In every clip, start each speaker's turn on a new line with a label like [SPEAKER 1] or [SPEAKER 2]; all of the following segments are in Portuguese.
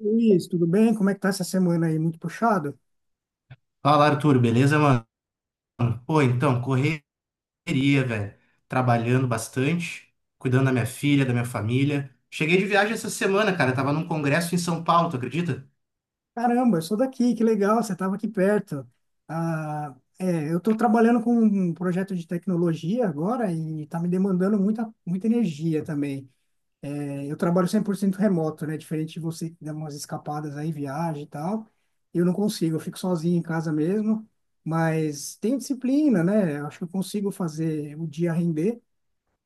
[SPEAKER 1] Luiz, tudo bem? Como é que tá essa semana aí? Muito puxado?
[SPEAKER 2] Fala, Arthur, beleza, mano? Pô, então, correria, velho. Trabalhando bastante, cuidando da minha filha, da minha família. Cheguei de viagem essa semana, cara. Tava num congresso em São Paulo, tu acredita?
[SPEAKER 1] Caramba, eu sou daqui, que legal, você estava aqui perto. Ah, é, eu estou trabalhando com um projeto de tecnologia agora e está me demandando muita, muita energia também. É, eu trabalho 100% remoto, né? Diferente de você que dá umas escapadas aí, viagem e tal. Eu não consigo, eu fico sozinho em casa mesmo, mas tenho disciplina, né? Eu acho que eu consigo fazer o dia render.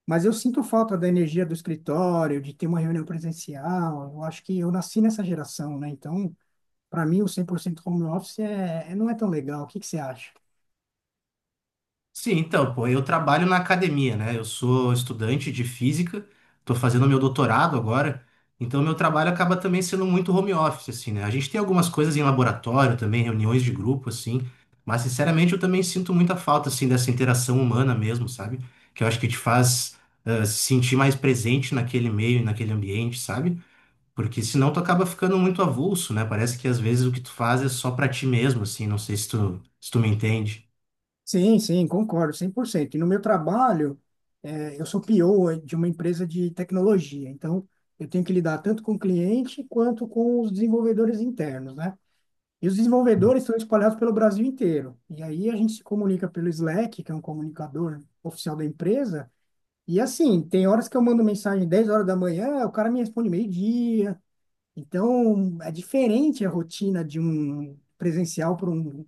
[SPEAKER 1] Mas eu sinto falta da energia do escritório, de ter uma reunião presencial. Eu acho que eu nasci nessa geração, né? Então, para mim, o 100% home office não é tão legal. O que que você acha?
[SPEAKER 2] Sim, então, pô, eu trabalho na academia, né? Eu sou estudante de física, tô fazendo meu doutorado agora, então meu trabalho acaba também sendo muito home office, assim, né? A gente tem algumas coisas em laboratório também, reuniões de grupo, assim, mas sinceramente eu também sinto muita falta, assim, dessa interação humana mesmo, sabe? Que eu acho que te faz se sentir mais presente naquele meio e naquele ambiente, sabe? Porque senão tu acaba ficando muito avulso, né? Parece que às vezes o que tu faz é só pra ti mesmo, assim, não sei se tu, se tu me entende.
[SPEAKER 1] Sim, sim, concordo, 100%. E no meu trabalho, eu sou PO de uma empresa de tecnologia. Então, eu tenho que lidar tanto com o cliente quanto com os desenvolvedores internos, né? E os desenvolvedores estão espalhados pelo Brasil inteiro. E aí a gente se comunica pelo Slack, que é um comunicador oficial da empresa. E assim, tem horas que eu mando mensagem 10 horas da manhã, o cara me responde meio-dia. Então, é diferente a rotina de um presencial para um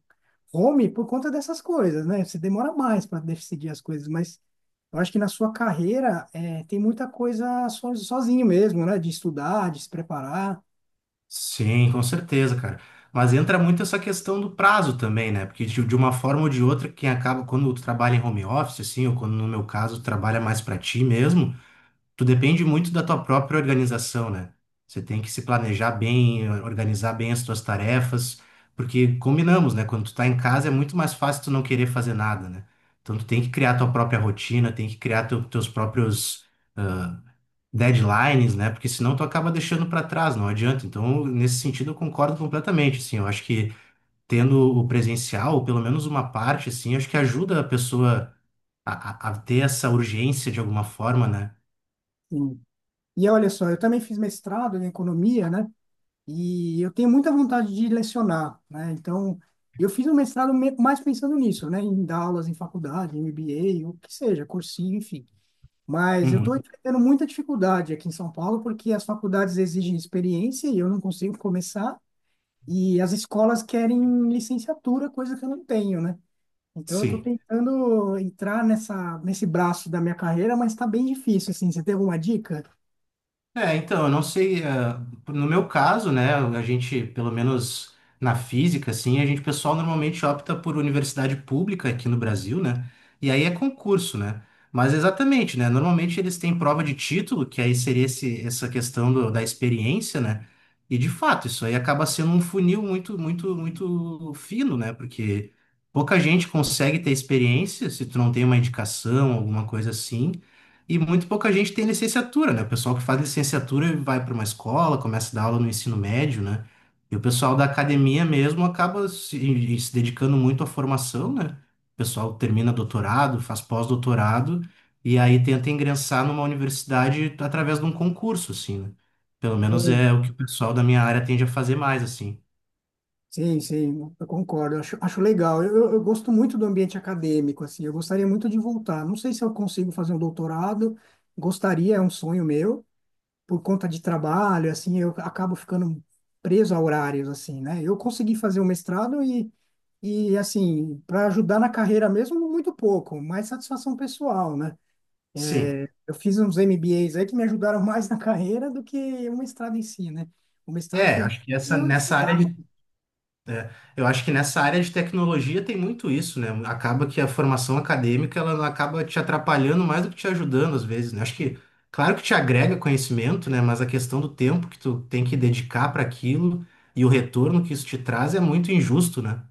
[SPEAKER 1] home por conta dessas coisas, né? Você demora mais para decidir as coisas, mas eu acho que na sua carreira é, tem muita coisa sozinho mesmo, né? De estudar, de se preparar.
[SPEAKER 2] Sim, com certeza, cara. Mas entra muito essa questão do prazo também, né? Porque de uma forma ou de outra, quem acaba, quando tu trabalha em home office, assim, ou quando no meu caso, tu trabalha mais pra ti mesmo, tu depende muito da tua própria organização, né? Você tem que se planejar bem, organizar bem as tuas tarefas, porque combinamos, né? Quando tu tá em casa é muito mais fácil tu não querer fazer nada, né? Então tu tem que criar tua própria rotina, tem que criar teus próprios deadlines, né? Porque senão tu acaba deixando para trás, não adianta. Então, nesse sentido, eu concordo completamente, assim. Eu acho que tendo o presencial, ou pelo menos uma parte, assim, acho que ajuda a pessoa a ter essa urgência de alguma forma, né?
[SPEAKER 1] Sim. E olha só, eu também fiz mestrado em economia, né? E eu tenho muita vontade de lecionar, né? Então, eu fiz um mestrado mais pensando nisso, né? Em dar aulas em faculdade, em MBA, o que seja, cursinho, enfim. Mas eu estou
[SPEAKER 2] Uhum.
[SPEAKER 1] enfrentando muita dificuldade aqui em São Paulo porque as faculdades exigem experiência e eu não consigo começar. E as escolas querem licenciatura, coisa que eu não tenho, né? Então, eu estou
[SPEAKER 2] Sim.
[SPEAKER 1] tentando entrar nesse braço da minha carreira, mas está bem difícil, assim. Você tem alguma dica?
[SPEAKER 2] É, então, eu não sei, no meu caso, né, a gente, pelo menos na física, assim, a gente, o pessoal normalmente opta por universidade pública aqui no Brasil, né, e aí é concurso, né, mas exatamente, né, normalmente eles têm prova de título, que aí seria esse, essa questão da experiência, né, e de fato, isso aí acaba sendo um funil muito, muito, muito fino, né, porque pouca gente consegue ter experiência se tu não tem uma indicação, alguma coisa assim, e muito pouca gente tem licenciatura, né? O pessoal que faz licenciatura vai para uma escola, começa a dar aula no ensino médio, né? E o pessoal da academia mesmo acaba se dedicando muito à formação, né? O pessoal termina doutorado, faz pós-doutorado, e aí tenta ingressar numa universidade através de um concurso, assim, né? Pelo menos é o que o pessoal da minha área tende a fazer mais, assim.
[SPEAKER 1] Sim, sim, eu concordo, eu acho legal. Eu gosto muito do ambiente acadêmico, assim, eu gostaria muito de voltar. Não sei se eu consigo fazer um doutorado, gostaria, é um sonho meu, por conta de trabalho, assim, eu acabo ficando preso a horários, assim, né? Eu consegui fazer um mestrado e assim, para ajudar na carreira mesmo, muito pouco, mais satisfação pessoal, né?
[SPEAKER 2] Sim.
[SPEAKER 1] Eu fiz uns MBAs aí que me ajudaram mais na carreira do que o mestrado em si, né? O mestrado
[SPEAKER 2] É,
[SPEAKER 1] foi
[SPEAKER 2] acho que essa,
[SPEAKER 1] eu
[SPEAKER 2] nessa área
[SPEAKER 1] estudar.
[SPEAKER 2] de É, eu acho que nessa área de tecnologia tem muito isso, né? Acaba que a formação acadêmica ela acaba te atrapalhando mais do que te ajudando às vezes, né? Acho que, claro que te agrega conhecimento, né? Mas a questão do tempo que tu tem que dedicar para aquilo e o retorno que isso te traz é muito injusto, né?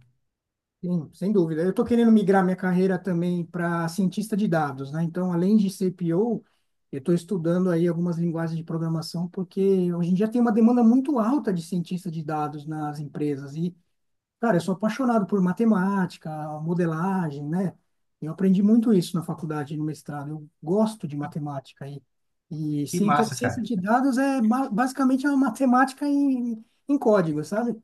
[SPEAKER 1] Sim, sem dúvida. Eu estou querendo migrar minha carreira também para cientista de dados, né? Então, além de CPO, eu estou estudando aí algumas linguagens de programação, porque hoje em dia tem uma demanda muito alta de cientista de dados nas empresas. E, cara, eu sou apaixonado por matemática, modelagem, né? Eu aprendi muito isso na faculdade, no mestrado. Eu gosto de matemática. E
[SPEAKER 2] Que
[SPEAKER 1] ciência,
[SPEAKER 2] massa,
[SPEAKER 1] ciência
[SPEAKER 2] cara.
[SPEAKER 1] de dados é basicamente é uma matemática em, em código, sabe?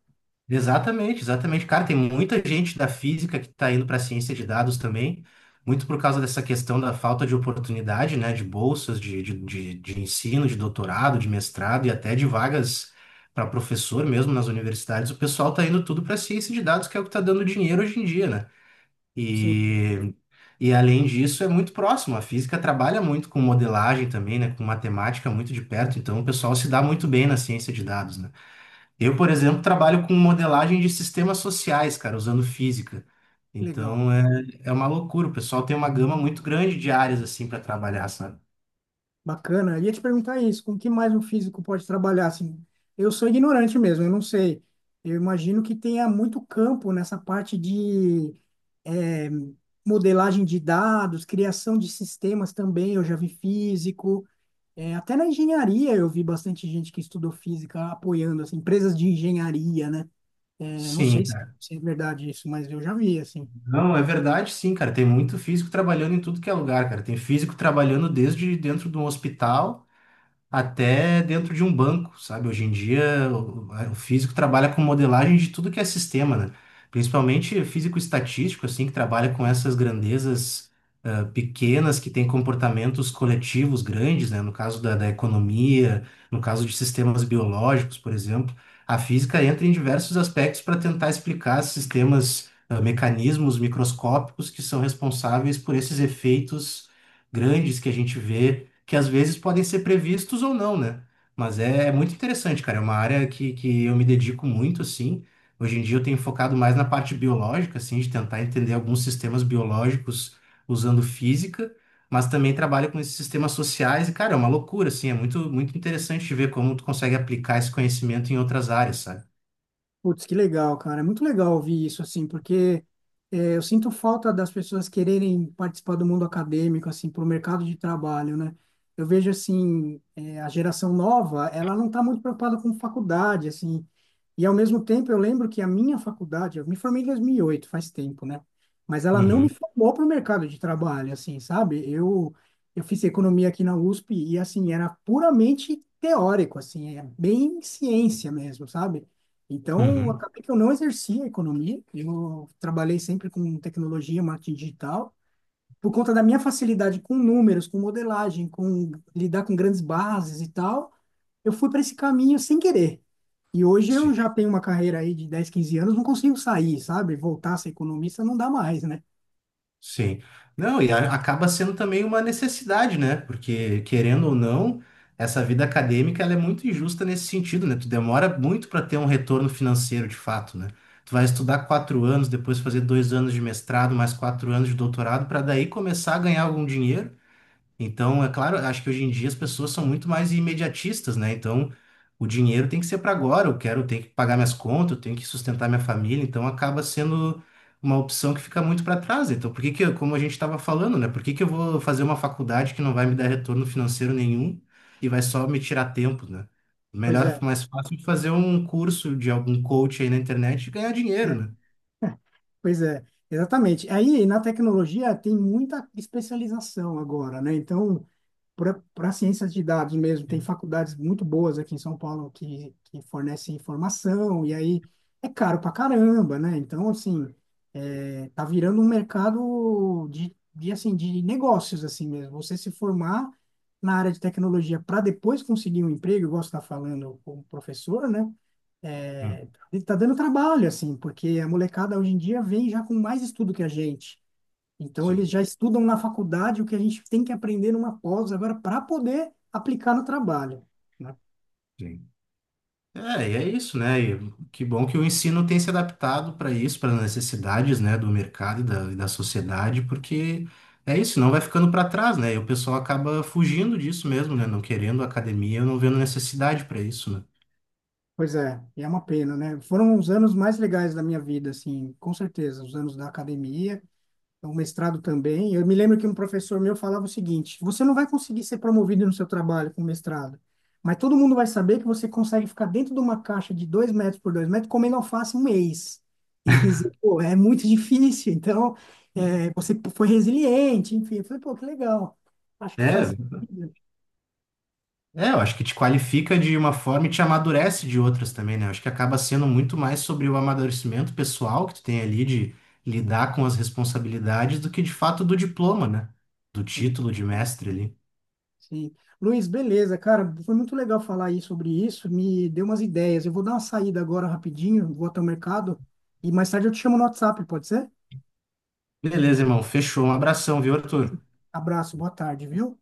[SPEAKER 2] Exatamente, exatamente. Cara, tem muita gente da física que está indo para a ciência de dados também, muito por causa dessa questão da falta de oportunidade, né, de bolsas de ensino, de doutorado, de mestrado e até de vagas para professor mesmo nas universidades. O pessoal está indo tudo para a ciência de dados, que é o que está dando dinheiro hoje em dia, né?
[SPEAKER 1] Sim,
[SPEAKER 2] E, e além disso, é muito próximo. A física trabalha muito com modelagem também, né, com matemática muito de perto, então o pessoal se dá muito bem na ciência de dados, né? Eu, por exemplo, trabalho com modelagem de sistemas sociais, cara, usando física.
[SPEAKER 1] legal.
[SPEAKER 2] Então é, é uma loucura. O pessoal tem uma gama muito grande de áreas assim para trabalhar, sabe?
[SPEAKER 1] Bacana. Eu ia te perguntar isso, com o que mais um físico pode trabalhar assim? Eu sou ignorante mesmo, eu não sei. Eu imagino que tenha muito campo nessa parte de eh, modelagem de dados, criação de sistemas também, eu já vi físico. Até na engenharia eu vi bastante gente que estudou física apoiando, assim, empresas de engenharia, né? Não
[SPEAKER 2] Sim,
[SPEAKER 1] sei se,
[SPEAKER 2] cara.
[SPEAKER 1] se é verdade isso, mas eu já vi, assim.
[SPEAKER 2] Não, é verdade, sim, cara. Tem muito físico trabalhando em tudo que é lugar, cara. Tem físico trabalhando desde dentro de um hospital, até dentro de um banco, sabe? Hoje em dia, o físico trabalha com modelagem de tudo que é sistema, né? Principalmente físico estatístico, assim, que trabalha com essas grandezas pequenas que têm comportamentos coletivos grandes, né? No caso da economia, no caso de sistemas biológicos, por exemplo, a física entra em diversos aspectos para tentar explicar sistemas, mecanismos microscópicos que são responsáveis por esses efeitos grandes que a gente vê, que às vezes podem ser previstos ou não, né? Mas é, é muito interessante, cara. É uma área que eu me dedico muito, assim. Hoje em dia eu tenho focado mais na parte biológica, assim, de tentar entender alguns sistemas biológicos usando física, mas também trabalho com esses sistemas sociais e, cara, é uma loucura, assim. É muito, muito interessante de ver como tu consegue aplicar esse conhecimento em outras áreas, sabe?
[SPEAKER 1] Putz, que legal, cara. É muito legal ouvir isso, assim, porque é, eu sinto falta das pessoas quererem participar do mundo acadêmico, assim, para o mercado de trabalho, né? Eu vejo, assim, é, a geração nova, ela não está muito preocupada com faculdade, assim, e ao mesmo tempo eu lembro que a minha faculdade, eu me formei em 2008, faz tempo, né? Mas ela não me
[SPEAKER 2] Uhum,
[SPEAKER 1] formou para o mercado de trabalho, assim, sabe? Eu fiz economia aqui na USP e, assim, era puramente teórico, assim, é bem ciência mesmo, sabe? Então,
[SPEAKER 2] uhum.
[SPEAKER 1] acabei que eu não exerci a economia, eu trabalhei sempre com tecnologia, marketing digital, por conta da minha facilidade com números, com modelagem, com lidar com grandes bases e tal, eu fui para esse caminho sem querer. E hoje eu
[SPEAKER 2] Sim.
[SPEAKER 1] já tenho uma carreira aí de 10, 15 anos, não consigo sair, sabe? Voltar a ser economista não dá mais, né?
[SPEAKER 2] Sim. Não, e acaba sendo também uma necessidade, né? Porque, querendo ou não, essa vida acadêmica ela é muito injusta nesse sentido, né? Tu demora muito para ter um retorno financeiro de fato, né? Tu vai estudar 4 anos, depois fazer 2 anos de mestrado, mais 4 anos de doutorado, para daí começar a ganhar algum dinheiro. Então, é claro, acho que hoje em dia as pessoas são muito mais imediatistas, né? Então, o dinheiro tem que ser para agora. Eu quero, eu tenho que pagar minhas contas, eu tenho que sustentar minha família. Então, acaba sendo uma opção que fica muito para trás. Então, por que que, como a gente estava falando, né? Por que que eu vou fazer uma faculdade que não vai me dar retorno financeiro nenhum e vai só me tirar tempo, né?
[SPEAKER 1] Pois
[SPEAKER 2] Melhor,
[SPEAKER 1] é,
[SPEAKER 2] mais fácil é fazer um curso de algum coach aí na internet e ganhar dinheiro,
[SPEAKER 1] é,
[SPEAKER 2] né?
[SPEAKER 1] pois é, exatamente. Aí na tecnologia tem muita especialização agora, né? Então, para ciências de dados mesmo, tem faculdades muito boas aqui em São Paulo que fornecem informação, e aí é caro pra caramba, né? Então, assim, é, tá virando um mercado de, assim, de negócios, assim mesmo. Você se formar na área de tecnologia para depois conseguir um emprego, igual você está falando como professor, né?
[SPEAKER 2] Hum,
[SPEAKER 1] É, tá dando trabalho, assim, porque a molecada hoje em dia vem já com mais estudo que a gente. Então, eles
[SPEAKER 2] sim,
[SPEAKER 1] já estudam na faculdade o que a gente tem que aprender numa pós agora para poder aplicar no trabalho, né?
[SPEAKER 2] sim. É, e é isso, né? E que bom que o ensino tem se adaptado para isso, para as necessidades, né, do mercado e da sociedade, porque é isso, não vai ficando para trás, né? E o pessoal acaba fugindo disso mesmo, né? Não querendo academia, não vendo necessidade para isso, né?
[SPEAKER 1] Pois é, e é uma pena, né? Foram os anos mais legais da minha vida, assim, com certeza, os anos da academia, o mestrado também. Eu me lembro que um professor meu falava o seguinte: você não vai conseguir ser promovido no seu trabalho com mestrado, mas todo mundo vai saber que você consegue ficar dentro de uma caixa de 2 metros por 2 metros comendo alface um mês. Ele quis dizer, pô, é muito difícil, então é, você foi resiliente, enfim. Eu falei, pô, que legal. Acho que
[SPEAKER 2] É,
[SPEAKER 1] faz sentido.
[SPEAKER 2] é, eu acho que te qualifica de uma forma e te amadurece de outras também, né? Eu acho que acaba sendo muito mais sobre o amadurecimento pessoal que tu tem ali de lidar com as responsabilidades do que de fato do diploma, né? Do
[SPEAKER 1] Sim,
[SPEAKER 2] título de mestre ali.
[SPEAKER 1] sim. Luiz, beleza, cara, foi muito legal falar aí sobre isso, me deu umas ideias. Eu vou dar uma saída agora rapidinho, vou até o mercado e mais tarde eu te chamo no WhatsApp, pode ser?
[SPEAKER 2] Beleza, irmão. Fechou. Um abração, viu, Arthur?
[SPEAKER 1] Abraço, boa tarde, viu?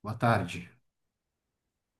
[SPEAKER 2] Boa tarde.